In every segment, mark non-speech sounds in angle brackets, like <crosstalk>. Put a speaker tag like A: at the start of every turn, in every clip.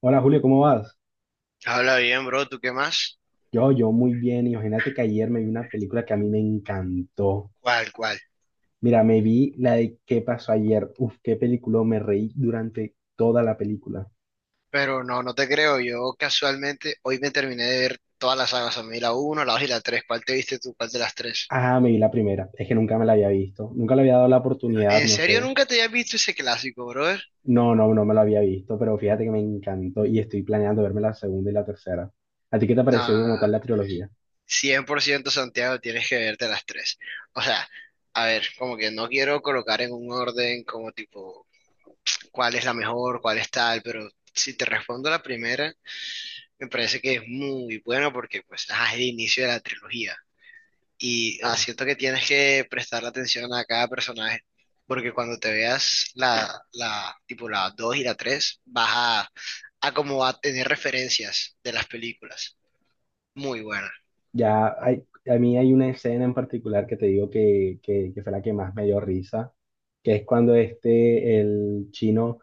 A: Hola Julio, ¿cómo vas?
B: Habla bien, bro, ¿tú qué más?
A: Yo muy bien. Imagínate que ayer me vi una película que a mí me encantó.
B: ¿Cuál, cuál?
A: Mira, me vi la de ¿Qué pasó ayer? Uf, qué película, me reí durante toda la película.
B: Pero no, no te creo. Yo casualmente hoy me terminé de ver todas las sagas. A mí la uno, la 2 y la tres. ¿Cuál te viste tú? ¿Cuál de las tres?
A: Ah, me vi la primera. Es que nunca me la había visto. Nunca le había dado la oportunidad,
B: ¿En
A: no
B: serio
A: sé.
B: nunca te habías visto ese clásico, brother?
A: No, no, no me la había visto, pero fíjate que me encantó y estoy planeando verme la segunda y la tercera. ¿A ti qué te pareció
B: Nah,
A: como tal la trilogía?
B: cien por ciento, Santiago, tienes que verte las tres. O sea, a ver, como que no quiero colocar en un orden como tipo cuál es la mejor, cuál es tal, pero si te respondo la primera, me parece que es muy buena porque pues ajá, es el inicio de la trilogía. Y siento que tienes que prestarle atención a cada personaje, porque cuando te veas tipo la 2 y la 3 vas a como a tener referencias de las películas. Muy buena.
A: Ya hay, a mí hay una escena en particular que te digo que fue la que más me dio risa, que es cuando este, el chino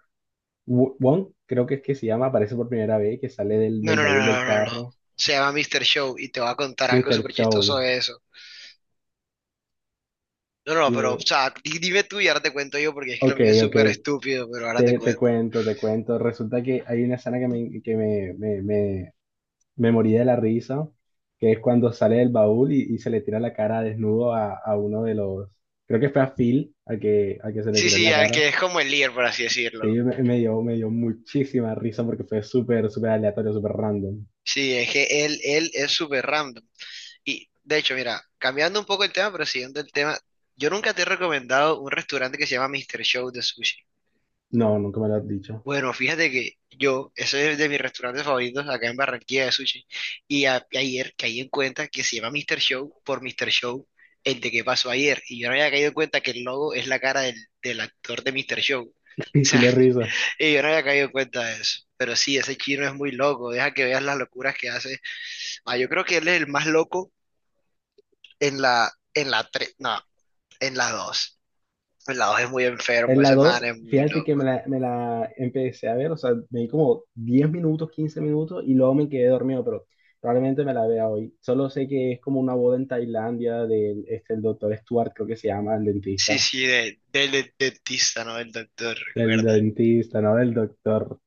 A: Wong, creo que es que se llama, aparece por primera vez, que sale del,
B: No,
A: del
B: no, no,
A: baúl del
B: no, no, no, no.
A: carro.
B: Se llama Mr. Show y te voy a contar algo
A: Mister
B: súper chistoso
A: Chow,
B: de eso. No, no, pero, o
A: dime.
B: sea, dime tú y ahora te cuento yo, porque es que lo
A: Ok,
B: mío es
A: ok,
B: súper estúpido, pero ahora te
A: te
B: cuento.
A: cuento, te cuento. Resulta que hay una escena que me morí de la risa, que es cuando sale del baúl y se le tira la cara desnudo a uno de los, creo que fue a Phil, al que se le
B: Sí,
A: tiró en
B: sí,
A: la
B: al que
A: cara.
B: es como el líder, por así
A: Sí,
B: decirlo.
A: me dio muchísima risa porque fue súper, súper aleatorio, súper random.
B: Sí, es que él es súper random. Y de hecho, mira, cambiando un poco el tema, pero siguiendo el tema, yo nunca te he recomendado un restaurante que se llama Mr. Show de sushi.
A: No, nunca me lo has dicho.
B: Bueno, fíjate que yo, ese es de mis restaurantes favoritos acá en Barranquilla de sushi. Y ayer caí en cuenta que se llama Mr. Show por Mr. Show, el de que pasó ayer? Y yo no había caído en cuenta que el logo es la cara del actor de Mr. Show. O
A: <laughs> Y
B: sea,
A: Culé
B: <laughs>
A: risa.
B: y yo no había caído en cuenta de eso. Pero sí, ese chino es muy loco. Deja que veas las locuras que hace. Ah, yo creo que él es el más loco en en la 3, en la dos. En la 2 es muy
A: En
B: enfermo,
A: la
B: ese man
A: 2,
B: es muy
A: fíjate que me
B: loco.
A: la, me la empecé a ver, o sea, me di como 10 minutos, 15 minutos y luego me quedé dormido, pero probablemente me la vea hoy. Solo sé que es como una boda en Tailandia del este, el doctor Stuart, creo que se llama, el
B: Sí,
A: dentista.
B: sí, del dentista, ¿no? El doctor,
A: El
B: recuerda.
A: dentista, no del doctor.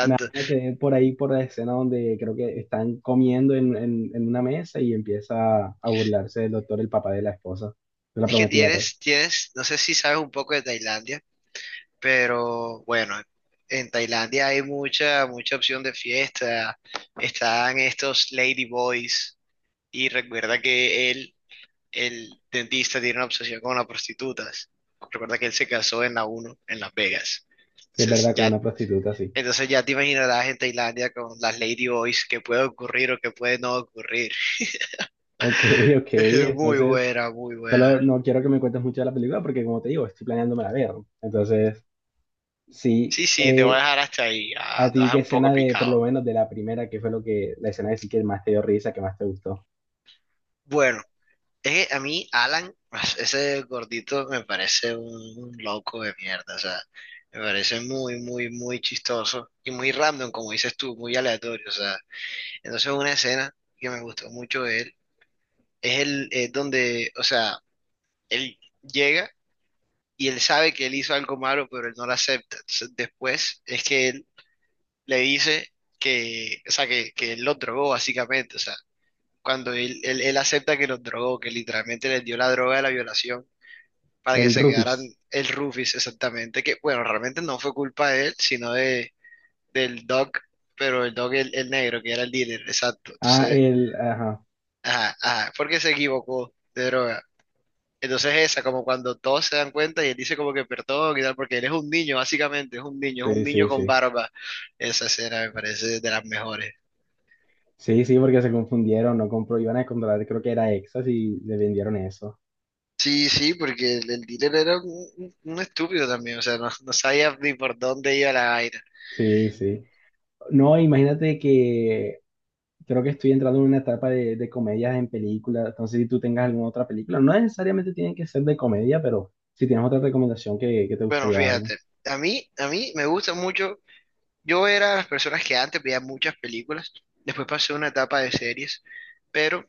A: Nada, quedé por ahí por la escena donde creo que están comiendo en una mesa y empieza a burlarse del doctor, el papá de la esposa, de la
B: Es que
A: prometida, pues.
B: tienes, no sé si sabes un poco de Tailandia, pero bueno, en Tailandia hay mucha opción de fiesta. Están estos lady boys y recuerda que el dentista tiene una obsesión con las prostitutas. Recuerda que él se casó en la uno en Las Vegas.
A: Si es
B: Entonces
A: verdad, con
B: ya.
A: una prostituta, sí.
B: Entonces ya te imaginarás en Tailandia con las Ladyboys qué puede ocurrir o qué puede no ocurrir.
A: Ok, <laughs> ok,
B: <laughs> Muy
A: entonces,
B: buena, muy buena.
A: solo no quiero que me cuentes mucho de la película porque, como te digo, estoy planeándome la ver. Entonces, sí,
B: Sí, sí, te voy a dejar hasta ahí. Ah,
A: a
B: te vas a
A: ti,
B: dejar
A: ¿qué
B: un poco
A: escena de, por lo
B: picado.
A: menos, de la primera, qué fue lo que, la escena que sí que más te dio risa, que más te gustó?
B: Bueno, es que a mí, Alan, <laughs> ese gordito me parece un loco de mierda. O sea, me parece muy, muy, muy chistoso y muy random, como dices tú, muy aleatorio. O sea, entonces una escena que me gustó mucho de él es es donde, o sea, él llega. Y él sabe que él hizo algo malo, pero él no lo acepta. Entonces, después es que él le dice o sea, que él lo drogó básicamente, o sea, cuando él acepta que los drogó, que literalmente les dio la droga de la violación para que
A: El
B: se quedaran.
A: Rufis.
B: El Rufus, exactamente, que bueno, realmente no fue culpa de él, sino de, del Doc, pero el Doc, el negro, que era el dealer, exacto.
A: Ah,
B: Entonces,
A: el, ajá,
B: ajá, ajá, porque se equivocó de droga. Entonces esa, como cuando todos se dan cuenta y él dice como que perdón y tal, porque él es un niño, básicamente, es un
A: sí,
B: niño
A: sí,
B: con
A: sí.
B: barba. Esa escena me parece de las mejores.
A: Sí, sí, porque se confundieron, no compró, iban a comprar, creo que era Exas y le vendieron eso.
B: Sí, sí, porque el dealer era un estúpido también, o sea, no, no sabía ni por dónde iba la vaina.
A: Sí, sí. No, imagínate que creo que estoy entrando en una etapa de comedias en películas, entonces si tú tengas alguna otra película, no necesariamente tienen que ser de comedia, pero si tienes otra recomendación que te
B: Bueno,
A: gustaría darme.
B: fíjate, a mí me gusta mucho, yo era de las personas que antes veía muchas películas, después pasé una etapa de series, pero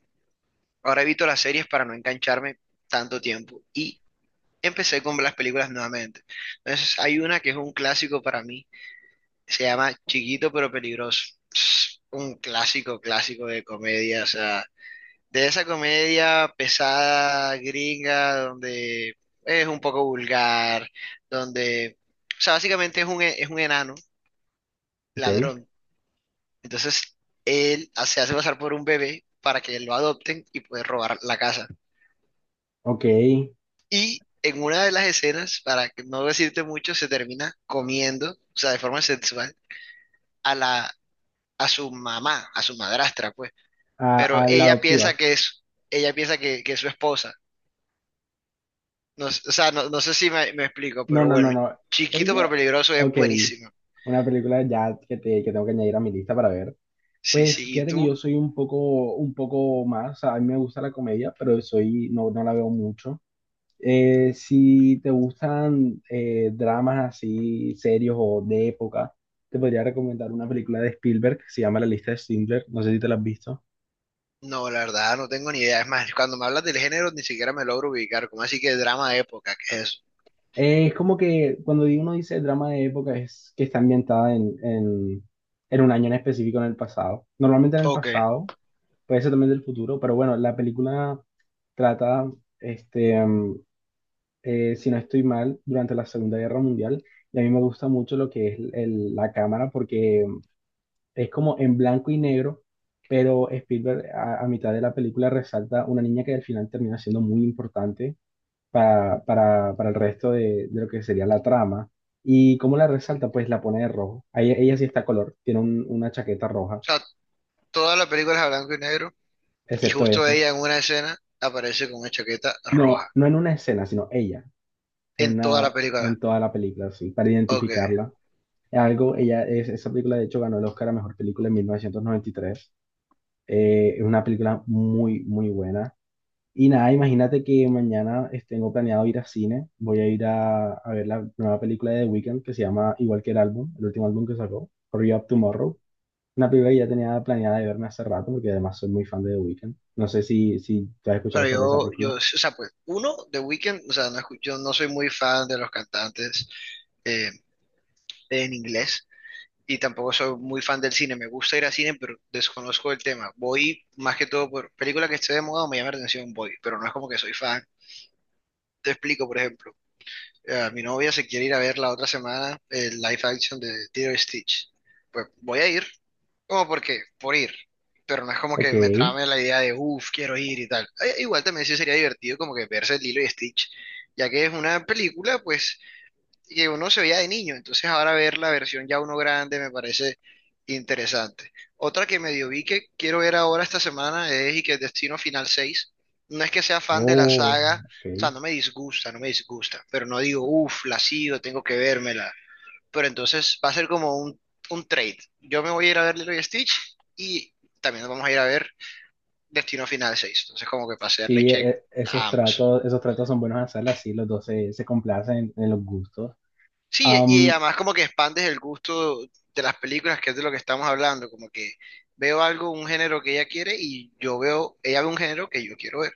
B: ahora evito las series para no engancharme tanto tiempo. Y empecé con las películas nuevamente. Entonces, hay una que es un clásico para mí, se llama Chiquito pero peligroso. Es un clásico, clásico de comedia, o sea, de esa comedia pesada, gringa, donde es un poco vulgar, donde, o sea, básicamente es un, es un enano
A: Ok,
B: ladrón. Entonces, él se hace pasar por un bebé para que lo adopten y poder robar la casa.
A: ok,
B: Y en una de las escenas, para que no decirte mucho, se termina comiendo, o sea, de forma sexual, a la, a su mamá, a su madrastra, pues.
A: a,
B: Pero
A: a la
B: ella piensa
A: adoptiva.
B: que es, ella piensa que es su esposa. No, o sea, no, no sé si me explico,
A: No,
B: pero
A: no, no,
B: bueno,
A: no,
B: chiquito pero
A: ella,
B: peligroso es
A: ok,
B: buenísimo.
A: una película ya que tengo que añadir a mi lista para ver.
B: Sí,
A: Pues
B: sí, ¿y
A: fíjate que yo
B: tú?
A: soy un poco más, o sea, a mí me gusta la comedia, pero soy, no, no la veo mucho. Si te gustan dramas así serios o de época, te podría recomendar una película de Spielberg que se llama La lista de Schindler, no sé si te la has visto.
B: No, la verdad, no tengo ni idea. Es más, cuando me hablas del género, ni siquiera me logro ubicar. ¿Cómo así que drama de época? ¿Qué es eso?
A: Es como que cuando uno dice drama de época es que está ambientada en un año en específico en el pasado. Normalmente en el
B: Ok.
A: pasado,
B: O
A: puede ser también del futuro, pero bueno, la película trata este, mm, si no estoy mal, durante la Segunda Guerra Mundial. Y a mí me gusta mucho lo que es la cámara porque es como en blanco y negro, pero Spielberg a mitad de la película resalta una niña que al final termina siendo muy importante para el resto de lo que sería la trama. ¿Y cómo la resalta? Pues la pone de rojo. Ella, sí está a color, tiene una chaqueta roja,
B: sea, todas las películas a blanco y negro. Y
A: excepto
B: justo
A: eso.
B: ella en una escena aparece con una chaqueta roja.
A: No, no en una escena, sino ella, en,
B: En toda la
A: una,
B: película.
A: en toda la película, sí, para
B: Ok.
A: identificarla. Algo, ella, esa película de hecho ganó el Oscar a Mejor Película en 1993. Es una película muy, muy buena. Y nada, imagínate que mañana tengo planeado ir a cine. Voy a ir a ver la nueva película de The Weeknd que se llama igual que el álbum, el último álbum que sacó, Hurry Up Tomorrow. Una película que ya tenía planeada de verme hace rato porque además soy muy fan de The Weeknd. No sé si te has escuchado
B: Bueno,
A: sobre esa
B: yo,
A: película.
B: o sea, pues, uno, The Weeknd, o sea, no, yo no soy muy fan de los cantantes eh, en inglés y tampoco soy muy fan del cine. Me gusta ir al cine, pero desconozco el tema. Voy más que todo por película que esté de moda o me llama la atención, voy, pero no es como que soy fan. Te explico, por ejemplo, mi novia se quiere ir a ver la otra semana el live action de Tiro Stitch. Pues voy a ir, como porque, por ir. Pero no es como
A: Ok.
B: que me trame la idea de, uff, quiero ir y tal. Igual también sí sería divertido como que verse Lilo y Stitch, ya que es una película, pues, que uno se veía de niño. Entonces ahora ver la versión ya uno grande me parece interesante. Otra que medio vi que quiero ver ahora esta semana es y que Destino Final seis. No es que sea fan de la
A: Oh,
B: saga,
A: ok.
B: o sea, no me disgusta, no me disgusta, pero no digo, uff, la sigo, tengo que vérmela, pero entonces va a ser como un trade. Yo me voy a ir a ver Lilo y Stitch y también nos vamos a ir a ver Destino Final 6. Entonces como que pasearle
A: Sí,
B: check a ambos.
A: esos tratos son buenos hacerlas, sí, los dos se complacen en, los gustos.
B: Sí, y
A: Am,
B: además como que expandes el gusto de las películas, que es de lo que estamos hablando, como que veo algo, un género que ella quiere y yo veo, ella ve un género que yo quiero ver.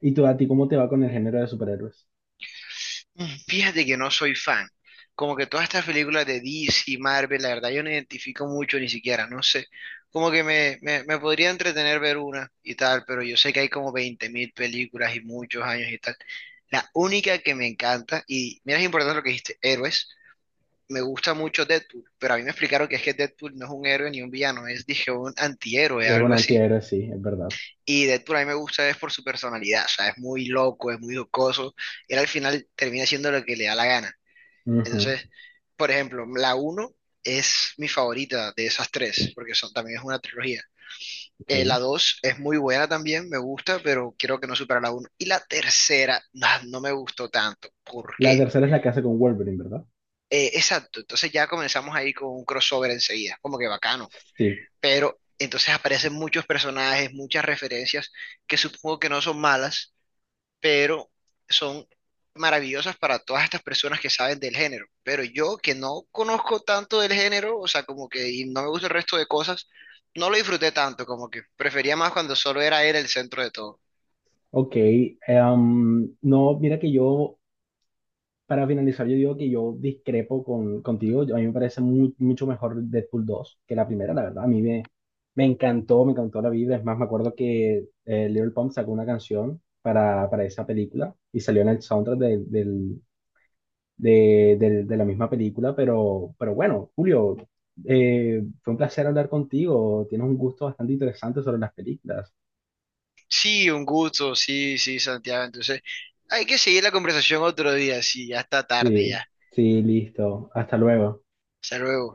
A: ¿y tú, a ti cómo te va con el género de superhéroes?
B: Mm, fíjate que no soy fan. Como que todas estas películas de DC y Marvel, la verdad yo no identifico mucho ni siquiera, no sé. Como que me podría entretener ver una y tal, pero yo sé que hay como 20.000 películas y muchos años y tal. La única que me encanta, y mira, es importante lo que dijiste, héroes, me gusta mucho Deadpool, pero a mí me explicaron que es que Deadpool no es un héroe ni un villano, es, dije, un antihéroe,
A: Es un
B: algo así.
A: antihéroe, sí, es verdad.
B: Y Deadpool a mí me gusta es por su personalidad, o sea, es muy loco, es muy jocoso, y él al final termina siendo lo que le da la gana.
A: Ujú,
B: Entonces, por ejemplo, la uno es mi favorita de esas tres, porque son, también es una trilogía.
A: ok.
B: La 2 es muy buena también, me gusta, pero creo que no supera la uno. Y la tercera, nah, no me gustó tanto. ¿Por
A: La
B: qué?
A: tercera es la que hace con Wolverine, ¿verdad?
B: Exacto, entonces ya comenzamos ahí con un crossover enseguida, como que bacano.
A: Sí,
B: Pero entonces aparecen muchos personajes, muchas referencias que supongo que no son malas, pero son maravillosas para todas estas personas que saben del género. Pero yo que no conozco tanto del género, o sea, como que y no me gusta el resto de cosas, no lo disfruté tanto, como que prefería más cuando solo era él el centro de todo.
A: ok. No, mira que yo para finalizar, yo digo que yo discrepo contigo. A mí me parece mucho mejor Deadpool 2 que la primera, la verdad. A mí me encantó, me encantó la vida. Es más, me acuerdo que Little Pump sacó una canción para esa película y salió en el soundtrack de la misma película. Pero bueno, Julio, fue un placer hablar contigo. Tienes un gusto bastante interesante sobre las películas.
B: Sí, un gusto, sí, sí, Santiago. Entonces, hay que seguir la conversación otro día, sí, ya está tarde
A: Sí,
B: ya.
A: sí, listo. Hasta luego.
B: Hasta luego.